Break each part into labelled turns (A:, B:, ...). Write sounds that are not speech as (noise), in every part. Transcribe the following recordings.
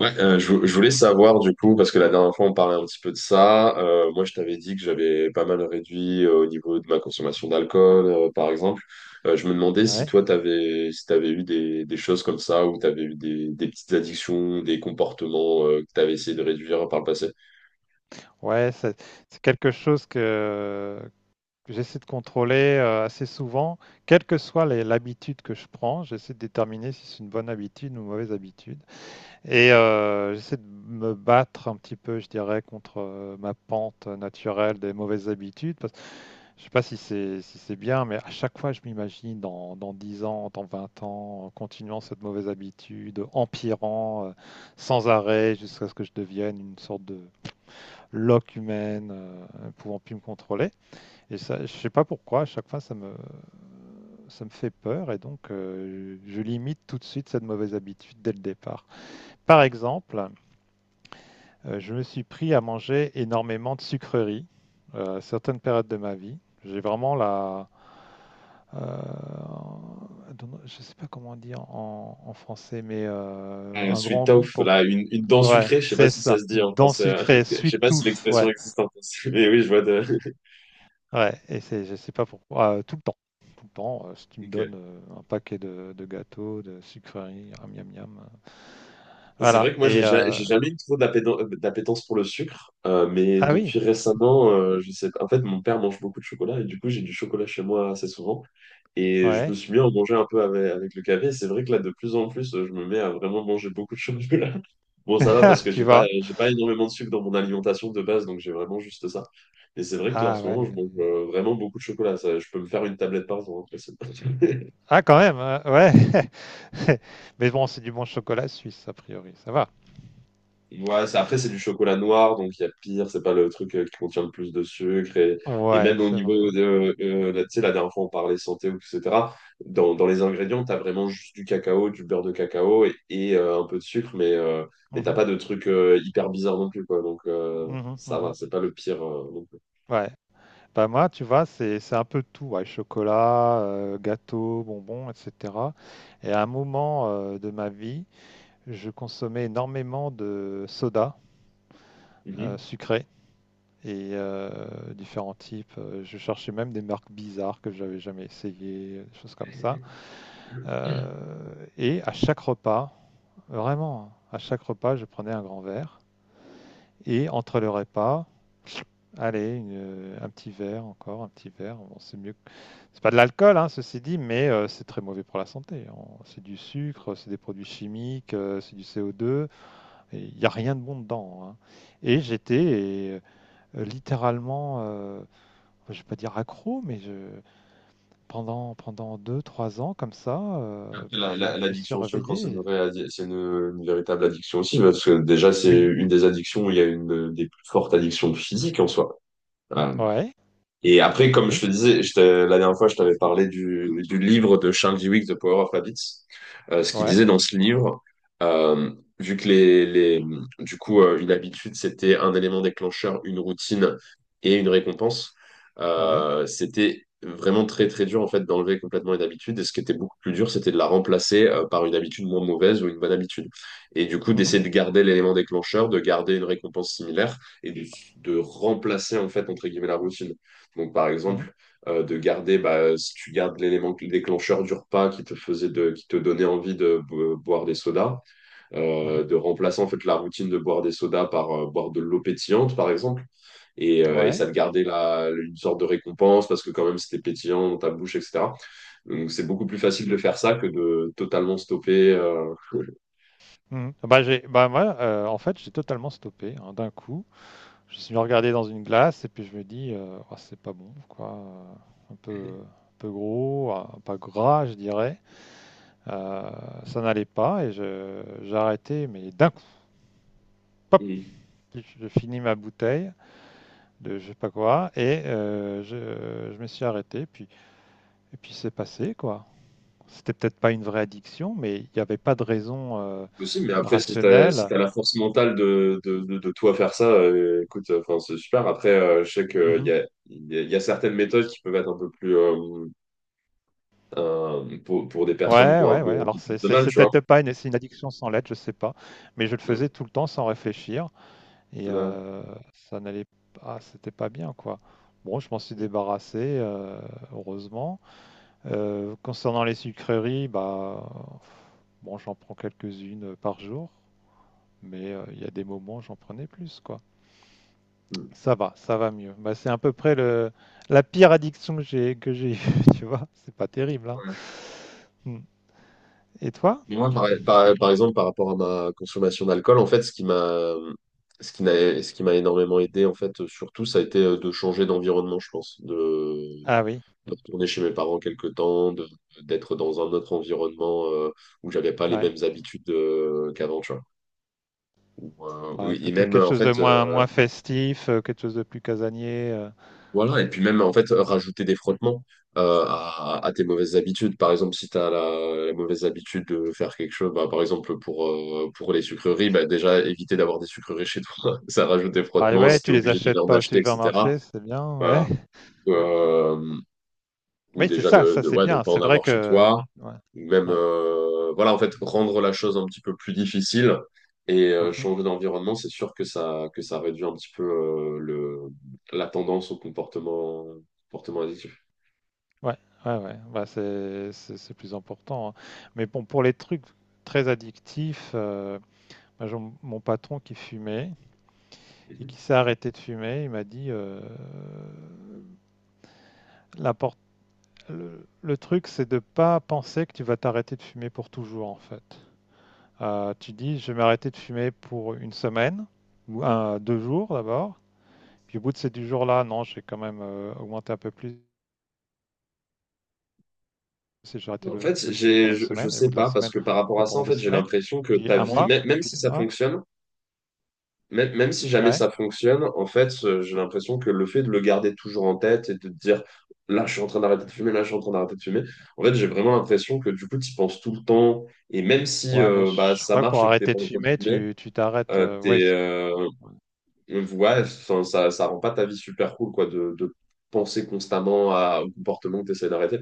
A: Ouais, je voulais savoir du coup, parce que la dernière fois on parlait un petit peu de ça, moi je t'avais dit que j'avais pas mal réduit au niveau de ma consommation d'alcool, par exemple. Je me demandais si
B: Ouais,
A: toi t'avais si t'avais eu des choses comme ça, ou t'avais eu des petites addictions, des comportements que t'avais essayé de réduire par le passé.
B: ouais, c'est quelque chose que j'essaie de contrôler assez souvent, quelle que soit l'habitude que je prends, j'essaie de déterminer si c'est une bonne habitude ou une mauvaise habitude. Et j'essaie de me battre un petit peu, je dirais, contre ma pente naturelle des mauvaises habitudes. Parce, je sais pas si c'est bien, mais à chaque fois, je m'imagine dans 10 ans, dans 20 ans, en continuant cette mauvaise habitude, empirant sans arrêt jusqu'à ce que je devienne une sorte de lock humaine pouvant plus me contrôler. Et ça, je sais pas pourquoi, à chaque fois ça me fait peur et donc je limite tout de suite cette mauvaise habitude dès le départ. Par exemple, je me suis pris à manger énormément de sucreries à certaines périodes de ma vie. J'ai vraiment euh, je sais pas comment dire en français, mais un
A: Sweet
B: grand goût
A: tooth,
B: pour.
A: là, une dent
B: Ouais,
A: sucrée, je sais pas
B: c'est
A: si ça
B: ça.
A: se dit
B: Une
A: en
B: dent
A: français. (laughs)
B: sucrée,
A: Je
B: sweet
A: sais pas
B: tooth,
A: si l'expression
B: ouais,
A: existe en français, mais oui, je vois de...
B: ouais. Et c'est, je sais pas pourquoi, tout le temps. Bon, si tu me donne
A: (laughs)
B: un paquet de gâteaux, de sucreries, miam miam miam.
A: C'est
B: Voilà.
A: vrai que moi,
B: Et
A: j'ai jamais eu trop d'appétence pour le sucre, mais
B: ah oui,
A: depuis récemment, je sais pas. En fait, mon père mange beaucoup de chocolat et du coup, j'ai du chocolat chez moi assez souvent. Et je me
B: ouais.
A: suis mis à en manger un peu avec, avec le café. C'est vrai que là, de plus en plus, je me mets à vraiment manger beaucoup de chocolat. (laughs) Bon, ça va parce
B: (laughs)
A: que
B: Tu vois.
A: j'ai pas énormément de sucre dans mon alimentation de base, donc j'ai vraiment juste ça. Et c'est vrai que là, en
B: Ah
A: ce
B: ouais.
A: moment, je mange vraiment beaucoup de chocolat. Ça, je peux me faire une tablette par jour, hein. Après, c'est- (laughs)
B: Ah quand même, hein, ouais. (laughs) Mais bon, c'est du bon chocolat suisse a priori, ça va.
A: Ouais, c'est- après, c'est du chocolat noir, donc il y a pire, c'est pas le truc qui contient le plus de sucre. Et
B: Ouais,
A: même au
B: c'est
A: niveau
B: vrai.
A: de, là, tu sais, la dernière fois, on parlait santé, etc. Dans les ingrédients, t'as vraiment juste du cacao, du beurre de cacao et, un peu de sucre, mais t'as
B: Mhm,
A: pas de truc hyper bizarre non plus, quoi. Donc
B: mhm,
A: ça va,
B: mhm.
A: c'est pas le pire non plus.
B: Ouais. Bah moi, tu vois, c'est un peu tout, ouais, chocolat, gâteau, bonbons, etc. Et à un moment de ma vie, je consommais énormément de sodas
A: Mhm.
B: sucrés et différents types. Je cherchais même des marques bizarres que j'avais jamais essayées, des choses comme ça. Euh, et à chaque repas, vraiment, hein, à chaque repas, je prenais un grand verre. Et entre le repas, allez, un petit verre encore, un petit verre. Bon, c'est mieux. C'est pas de l'alcool, hein, ceci dit, mais c'est très mauvais pour la santé. C'est du sucre, c'est des produits chimiques, c'est du CO2. Il n'y a rien de bon dedans, hein. Et j'étais littéralement, je ne vais pas dire accro, mais pendant 2, 3 ans comme ça,
A: Après,
B: puis
A: la-
B: je,
A: la-
B: je suis
A: L'addiction au sucre, c'est une
B: réveillé.
A: vraie addi- c'est une véritable addiction aussi, parce que déjà, c'est
B: Oui,
A: une des addictions où il y a une des plus fortes addictions physiques en soi.
B: ouais,
A: Et après, comme je
B: oui,
A: te disais, la dernière fois, je t'avais parlé du livre de Charles Duhigg, The Power of Habits. Ce qu'il
B: ouais,
A: disait dans ce livre, euh, vu que du coup, une habitude, c'était un élément déclencheur, une routine et une récompense,
B: ouais.
A: c'était vraiment très dur, en fait, d'enlever complètement une habitude. Et ce qui était beaucoup plus dur, c'était de la remplacer, par une habitude moins mauvaise ou une bonne habitude. Et du coup,
B: Mhm,
A: d'essayer de garder l'élément déclencheur, de garder une récompense similaire et de remplacer, en fait, entre guillemets, la routine. Donc, par
B: mhm,
A: exemple, de garder, bah, si tu gardes l'élément déclencheur du repas qui te faisait de, qui te donnait envie de boire des sodas,
B: mhm,
A: de remplacer en fait la routine de boire des sodas par boire de l'eau pétillante, par exemple. Et ça
B: ouais.
A: te gardait la, une sorte de récompense parce que quand même c'était pétillant dans ta bouche, etc. Donc c'est beaucoup plus facile de faire ça que de totalement stopper. euh,
B: Mhm. Bah, bah, moi, en fait, j'ai totalement stoppé, hein, d'un coup. Je me suis regardé dans une glace et puis je me dis, oh, c'est pas bon, quoi. Un peu, gros, pas gras, je dirais. Euh, ça n'allait pas et j'ai arrêté, mais d'un coup, pop,
A: (laughs)
B: je finis ma bouteille de je sais pas quoi et je me suis arrêté. Et puis c'est passé quoi. C'était peut-être pas une vraie addiction, mais il n'y avait pas de raison
A: Possible, mais après, si
B: rationnelle.
A: t'as la force mentale de, de toi faire ça, écoute, enfin, c'est super. Après, je sais qu'il y
B: Mhm.
A: a, y a certaines méthodes qui peuvent être un peu plus pour des personnes qui
B: Ouais,
A: ont
B: ouais, ouais.
A: un peu
B: Alors
A: plus
B: c'est
A: de
B: c'est-
A: mal,
B: c'est
A: tu vois.
B: peut-être pas c'est une addiction sans lettre, je sais pas, mais je le
A: Mm.
B: faisais tout le temps sans réfléchir et
A: Ouais.
B: ça n'allait pas, c'était pas bien quoi. Bon, je m'en suis débarrassé, heureusement. Concernant les sucreries, bah, bon, j'en prends quelques-unes par jour, mais il y a des moments où j'en prenais plus, quoi.
A: Mm.
B: Ça va mieux. Bah, c'est à peu près la pire addiction que j'ai eue, (laughs) tu vois. C'est pas terrible, hein. Hmm. Et toi?
A: Moi, par, par exemple, par rapport à ma consommation d'alcool, en fait, ce qui m'a énormément aidé, en fait, surtout, ça a été de changer d'environnement, je pense,
B: Ah oui,
A: de retourner chez mes parents quelque temps, de, d'être dans un autre environnement où j'avais pas les
B: ouais.
A: mêmes habitudes qu'avant, tu vois. Ou,
B: Ouais,
A: oui, et
B: peut-être
A: même,
B: quelque
A: en
B: chose de
A: fait,
B: moins, moins festif, quelque chose de plus casanier.
A: voilà, et puis même en fait, rajouter des frottements à tes mauvaises habitudes. Par exemple, si tu as la, la mauvaise habitude de faire quelque chose, bah, par exemple pour les sucreries, bah, déjà éviter d'avoir des sucreries chez toi, (laughs) ça rajoute des
B: Bah
A: frottements,
B: ouais,
A: si tu
B: tu
A: es
B: les
A: obligé d'aller
B: achètes
A: en
B: pas au
A: acheter, etc.
B: supermarché, c'est bien, ouais.
A: Voilà. Euh, ou
B: Oui, c'est
A: déjà
B: ça, ça c'est
A: ouais, de
B: bien.
A: pas en
B: C'est vrai
A: avoir chez
B: que...
A: toi,
B: Ouais,
A: ou même,
B: ouais.
A: voilà, en fait, rendre la chose un petit peu plus difficile et
B: Mhm.
A: changer d'environnement, c'est sûr que ça réduit un petit peu le, la tendance au comportement, comportement addictif.
B: Ouais, ouais, ouais. Bah, c'est plus important, hein. Mais bon, pour les trucs très addictifs, moi, j'ai mon patron qui fumait et qui
A: Mhm.
B: s'est arrêté de fumer, il m'a dit, l'import- le truc, c'est de pas penser que tu vas t'arrêter de fumer pour toujours, en fait. Tu dis, je vais m'arrêter de fumer pour une semaine ou un, 2 jours d'abord. Puis au bout de ces 2 jours-là, non, j'ai quand même augmenté un peu plus. Si j'ai arrêté
A: En fait,
B: de fumer pendant une
A: je
B: semaine et au bout
A: sais
B: de la
A: pas, parce
B: semaine,
A: que par rapport
B: enfin
A: à ça, en
B: pendant deux
A: fait, j'ai
B: semaines,
A: l'impression que
B: puis
A: ta
B: un
A: vie,
B: mois,
A: même
B: puis
A: si
B: 2
A: ça
B: mois.
A: fonctionne, même, même si jamais
B: Ouais.
A: ça fonctionne, en fait, j'ai l'impression que le fait de le garder toujours en tête et de te dire là, je suis en train d'arrêter de fumer, là, je suis en train d'arrêter de fumer, en fait, j'ai vraiment l'impression que du coup, tu y penses tout le temps. Et même si
B: Ouais, mais
A: bah,
B: je
A: ça
B: crois que
A: marche
B: pour
A: et que t'es
B: arrêter
A: pas
B: de
A: en train de
B: fumer,
A: fumer,
B: tu t'arrêtes, ouais
A: t'es,
B: c
A: ouais, enfin, ça rend pas ta vie super cool, quoi, de penser constamment à, au comportement que tu d'arrêter.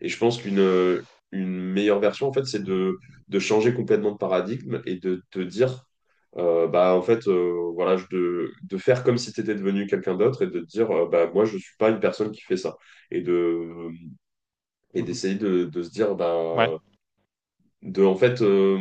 A: Et je pense qu'une une meilleure version, en fait, c'est de changer complètement de paradigme et de te dire, bah, en fait, voilà, de faire comme si tu étais devenu quelqu'un d'autre et de te dire, bah, moi, je suis pas une personne qui fait ça. Et de, et
B: Mmh.
A: d'essayer de se dire,
B: Ouais.
A: bah, de en fait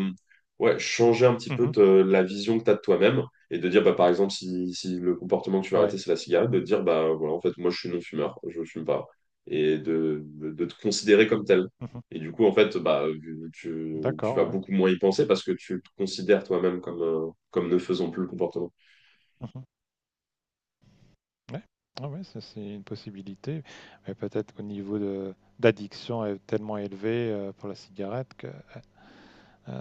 A: ouais, changer un petit peu
B: Mmh.
A: la vision que tu as de toi-même et de dire bah, par exemple si le comportement que tu vas
B: Ouais.
A: arrêter c'est la cigarette, de te dire bah voilà en fait moi je suis non-fumeur, je fume pas et de te considérer comme tel.
B: Mmh.
A: Et du coup en fait bah tu, tu
B: D'accord,
A: vas
B: ouais.
A: beaucoup moins y penser parce que tu te considères toi-même comme, comme ne faisant plus le comportement.
B: Mmh. Ouais. Ouais, ah ouais, ça c'est une possibilité, mais peut-être au niveau de d'addiction est tellement élevé, pour la cigarette que, heu,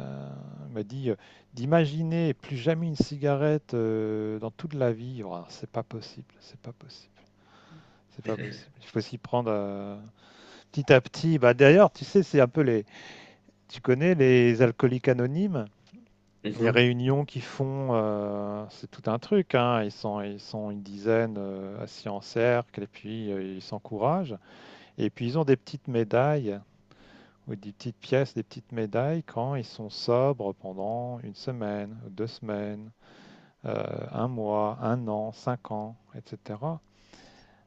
B: m'a dit : «D'imaginer plus jamais une cigarette, dans toute la vie, ouah, c'est pas possible, c'est pas possible». C'est pas possible. Il faut s'y prendre petit à petit. Bah, d'ailleurs, tu sais, c'est un peu les. Tu connais les alcooliques anonymes, les
A: Mhm.
B: réunions qu'ils font, c'est tout un truc, hein. Ils sont une dizaine, assis en cercle et puis ils s'encouragent. Et puis ils ont des petites médailles ou des petites pièces, des petites médailles quand ils sont sobres pendant une semaine, deux semaines, un mois, un an, 5 ans, etc.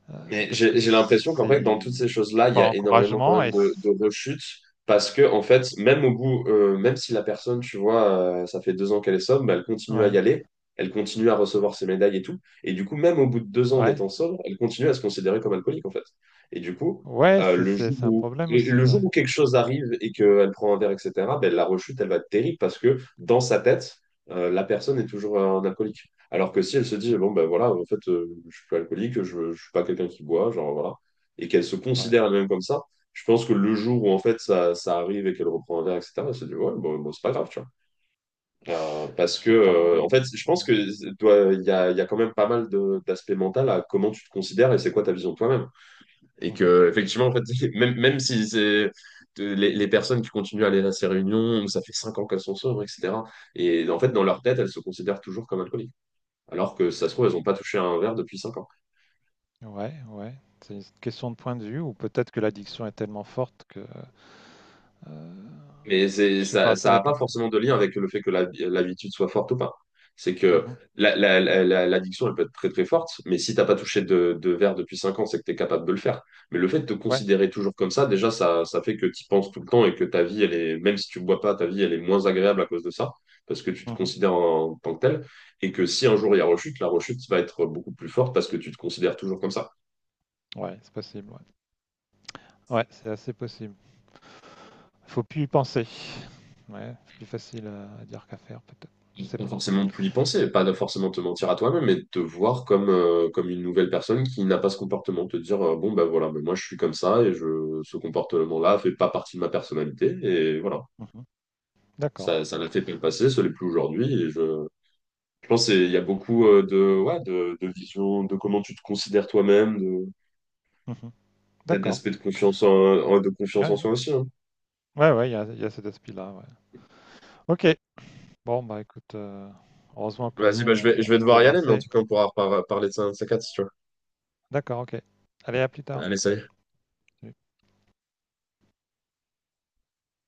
A: Mais
B: Parce que
A: j'ai l'impression qu'en fait, dans
B: c'est
A: toutes ces choses-là,
B: c'est
A: il y
B: par
A: a énormément quand
B: encouragement
A: même
B: et.
A: de rechutes parce que, en fait, même au bout, même si la personne, tu vois, ça fait 2 ans qu'elle est sobre, bah, elle continue à y
B: Ouais,
A: aller, elle continue à recevoir ses médailles et tout. Et du coup, même au bout de 2 ans en
B: ouais.
A: étant sobre, elle continue à se considérer comme alcoolique, en fait. Et du coup,
B: Ouais, c'est c'est c'est un problème
A: et le
B: aussi, ouais.
A: jour où quelque chose arrive et qu'elle prend un verre, etc., ben la rechute, elle va être terrible parce que dans sa tête, la personne est toujours un alcoolique. Alors que si elle se dit,
B: Mmh.
A: bon, ben voilà, en fait, je suis pas alcoolique, je suis pas quelqu'un qui boit, genre voilà, et qu'elle se
B: Ouais.
A: considère elle-même comme ça, je pense que le jour où en fait ça, ça arrive et qu'elle reprend un verre, etc., elle se dit, ouais, bon, c'est pas grave, tu vois. Parce
B: Je
A: que,
B: sais pas.
A: en fait, je pense que toi, il y a quand même pas mal d'aspects mentaux à comment tu te considères et c'est quoi ta vision de toi-même. Et
B: Mmh.
A: que, effectivement, en fait, (laughs) même, même si c'est. Les personnes qui continuent à aller à ces réunions, ça fait cinq ans qu'elles sont sobres, etc. Et en fait, dans leur tête, elles se considèrent toujours comme alcooliques alors que si ça se trouve, elles n'ont pas touché un verre depuis 5 ans.
B: Ouais, ouais. C'est une question de point de vue ou peut-être que l'addiction est tellement forte que, heu,
A: Mais
B: je
A: c'est,
B: sais
A: ça,
B: pas, ça
A: ça n'a pas
B: dépend.
A: forcément de lien avec le fait que l'habitude soit forte ou pas. C'est que
B: Mmh.
A: la, l'addiction, elle peut être très forte, mais si t'as pas touché de verre depuis 5 ans, c'est que tu es capable de le faire. Mais le fait de te
B: Ouais.
A: considérer toujours comme ça, déjà, ça fait que tu penses tout le temps et que ta vie, elle est, même si tu bois pas, ta vie, elle est moins agréable à cause de ça, parce que tu te
B: Mmh.
A: considères en, en tant que tel, et que si un jour il y a rechute, la rechute va être beaucoup plus forte parce que tu te considères toujours comme ça.
B: Ouais, c'est possible, ouais. Ouais, c'est assez possible. Faut plus y penser. Ouais, c'est plus facile à dire qu'à faire peut-être, je sais
A: Pas
B: pas.
A: forcément de plus y penser, pas de forcément te mentir à toi-même, mais de te voir comme, comme une nouvelle personne qui n'a pas ce comportement. Te dire, bon, ben voilà, mais moi je suis comme ça et je, ce comportement-là fait pas partie de ma personnalité. Et voilà,
B: Mmh. D'accord.
A: ça l'a fait pas le passé, ça l'est plus aujourd'hui. Et je pense qu'il y a beaucoup ouais, de vision, de comment tu te considères toi-même, de,
B: Mmh.
A: peut-être
B: D'accord.
A: d'aspect de confiance de
B: Ouais,
A: confiance en
B: ouais.
A: soi aussi, hein.
B: Ouais, ouais, il y a cet aspect-là, ouais. OK. Bon, bah écoute, heureusement que nous,
A: Vas-y, bah,
B: on,
A: je
B: on
A: vais
B: s'en
A: devoir y aller, mais en
B: débarrassait.
A: tout cas, on pourra parler de ça un de ces quatre, si tu vois.
B: D'accord, ok. Allez, à plus tard.
A: Allez, salut.
B: Salut.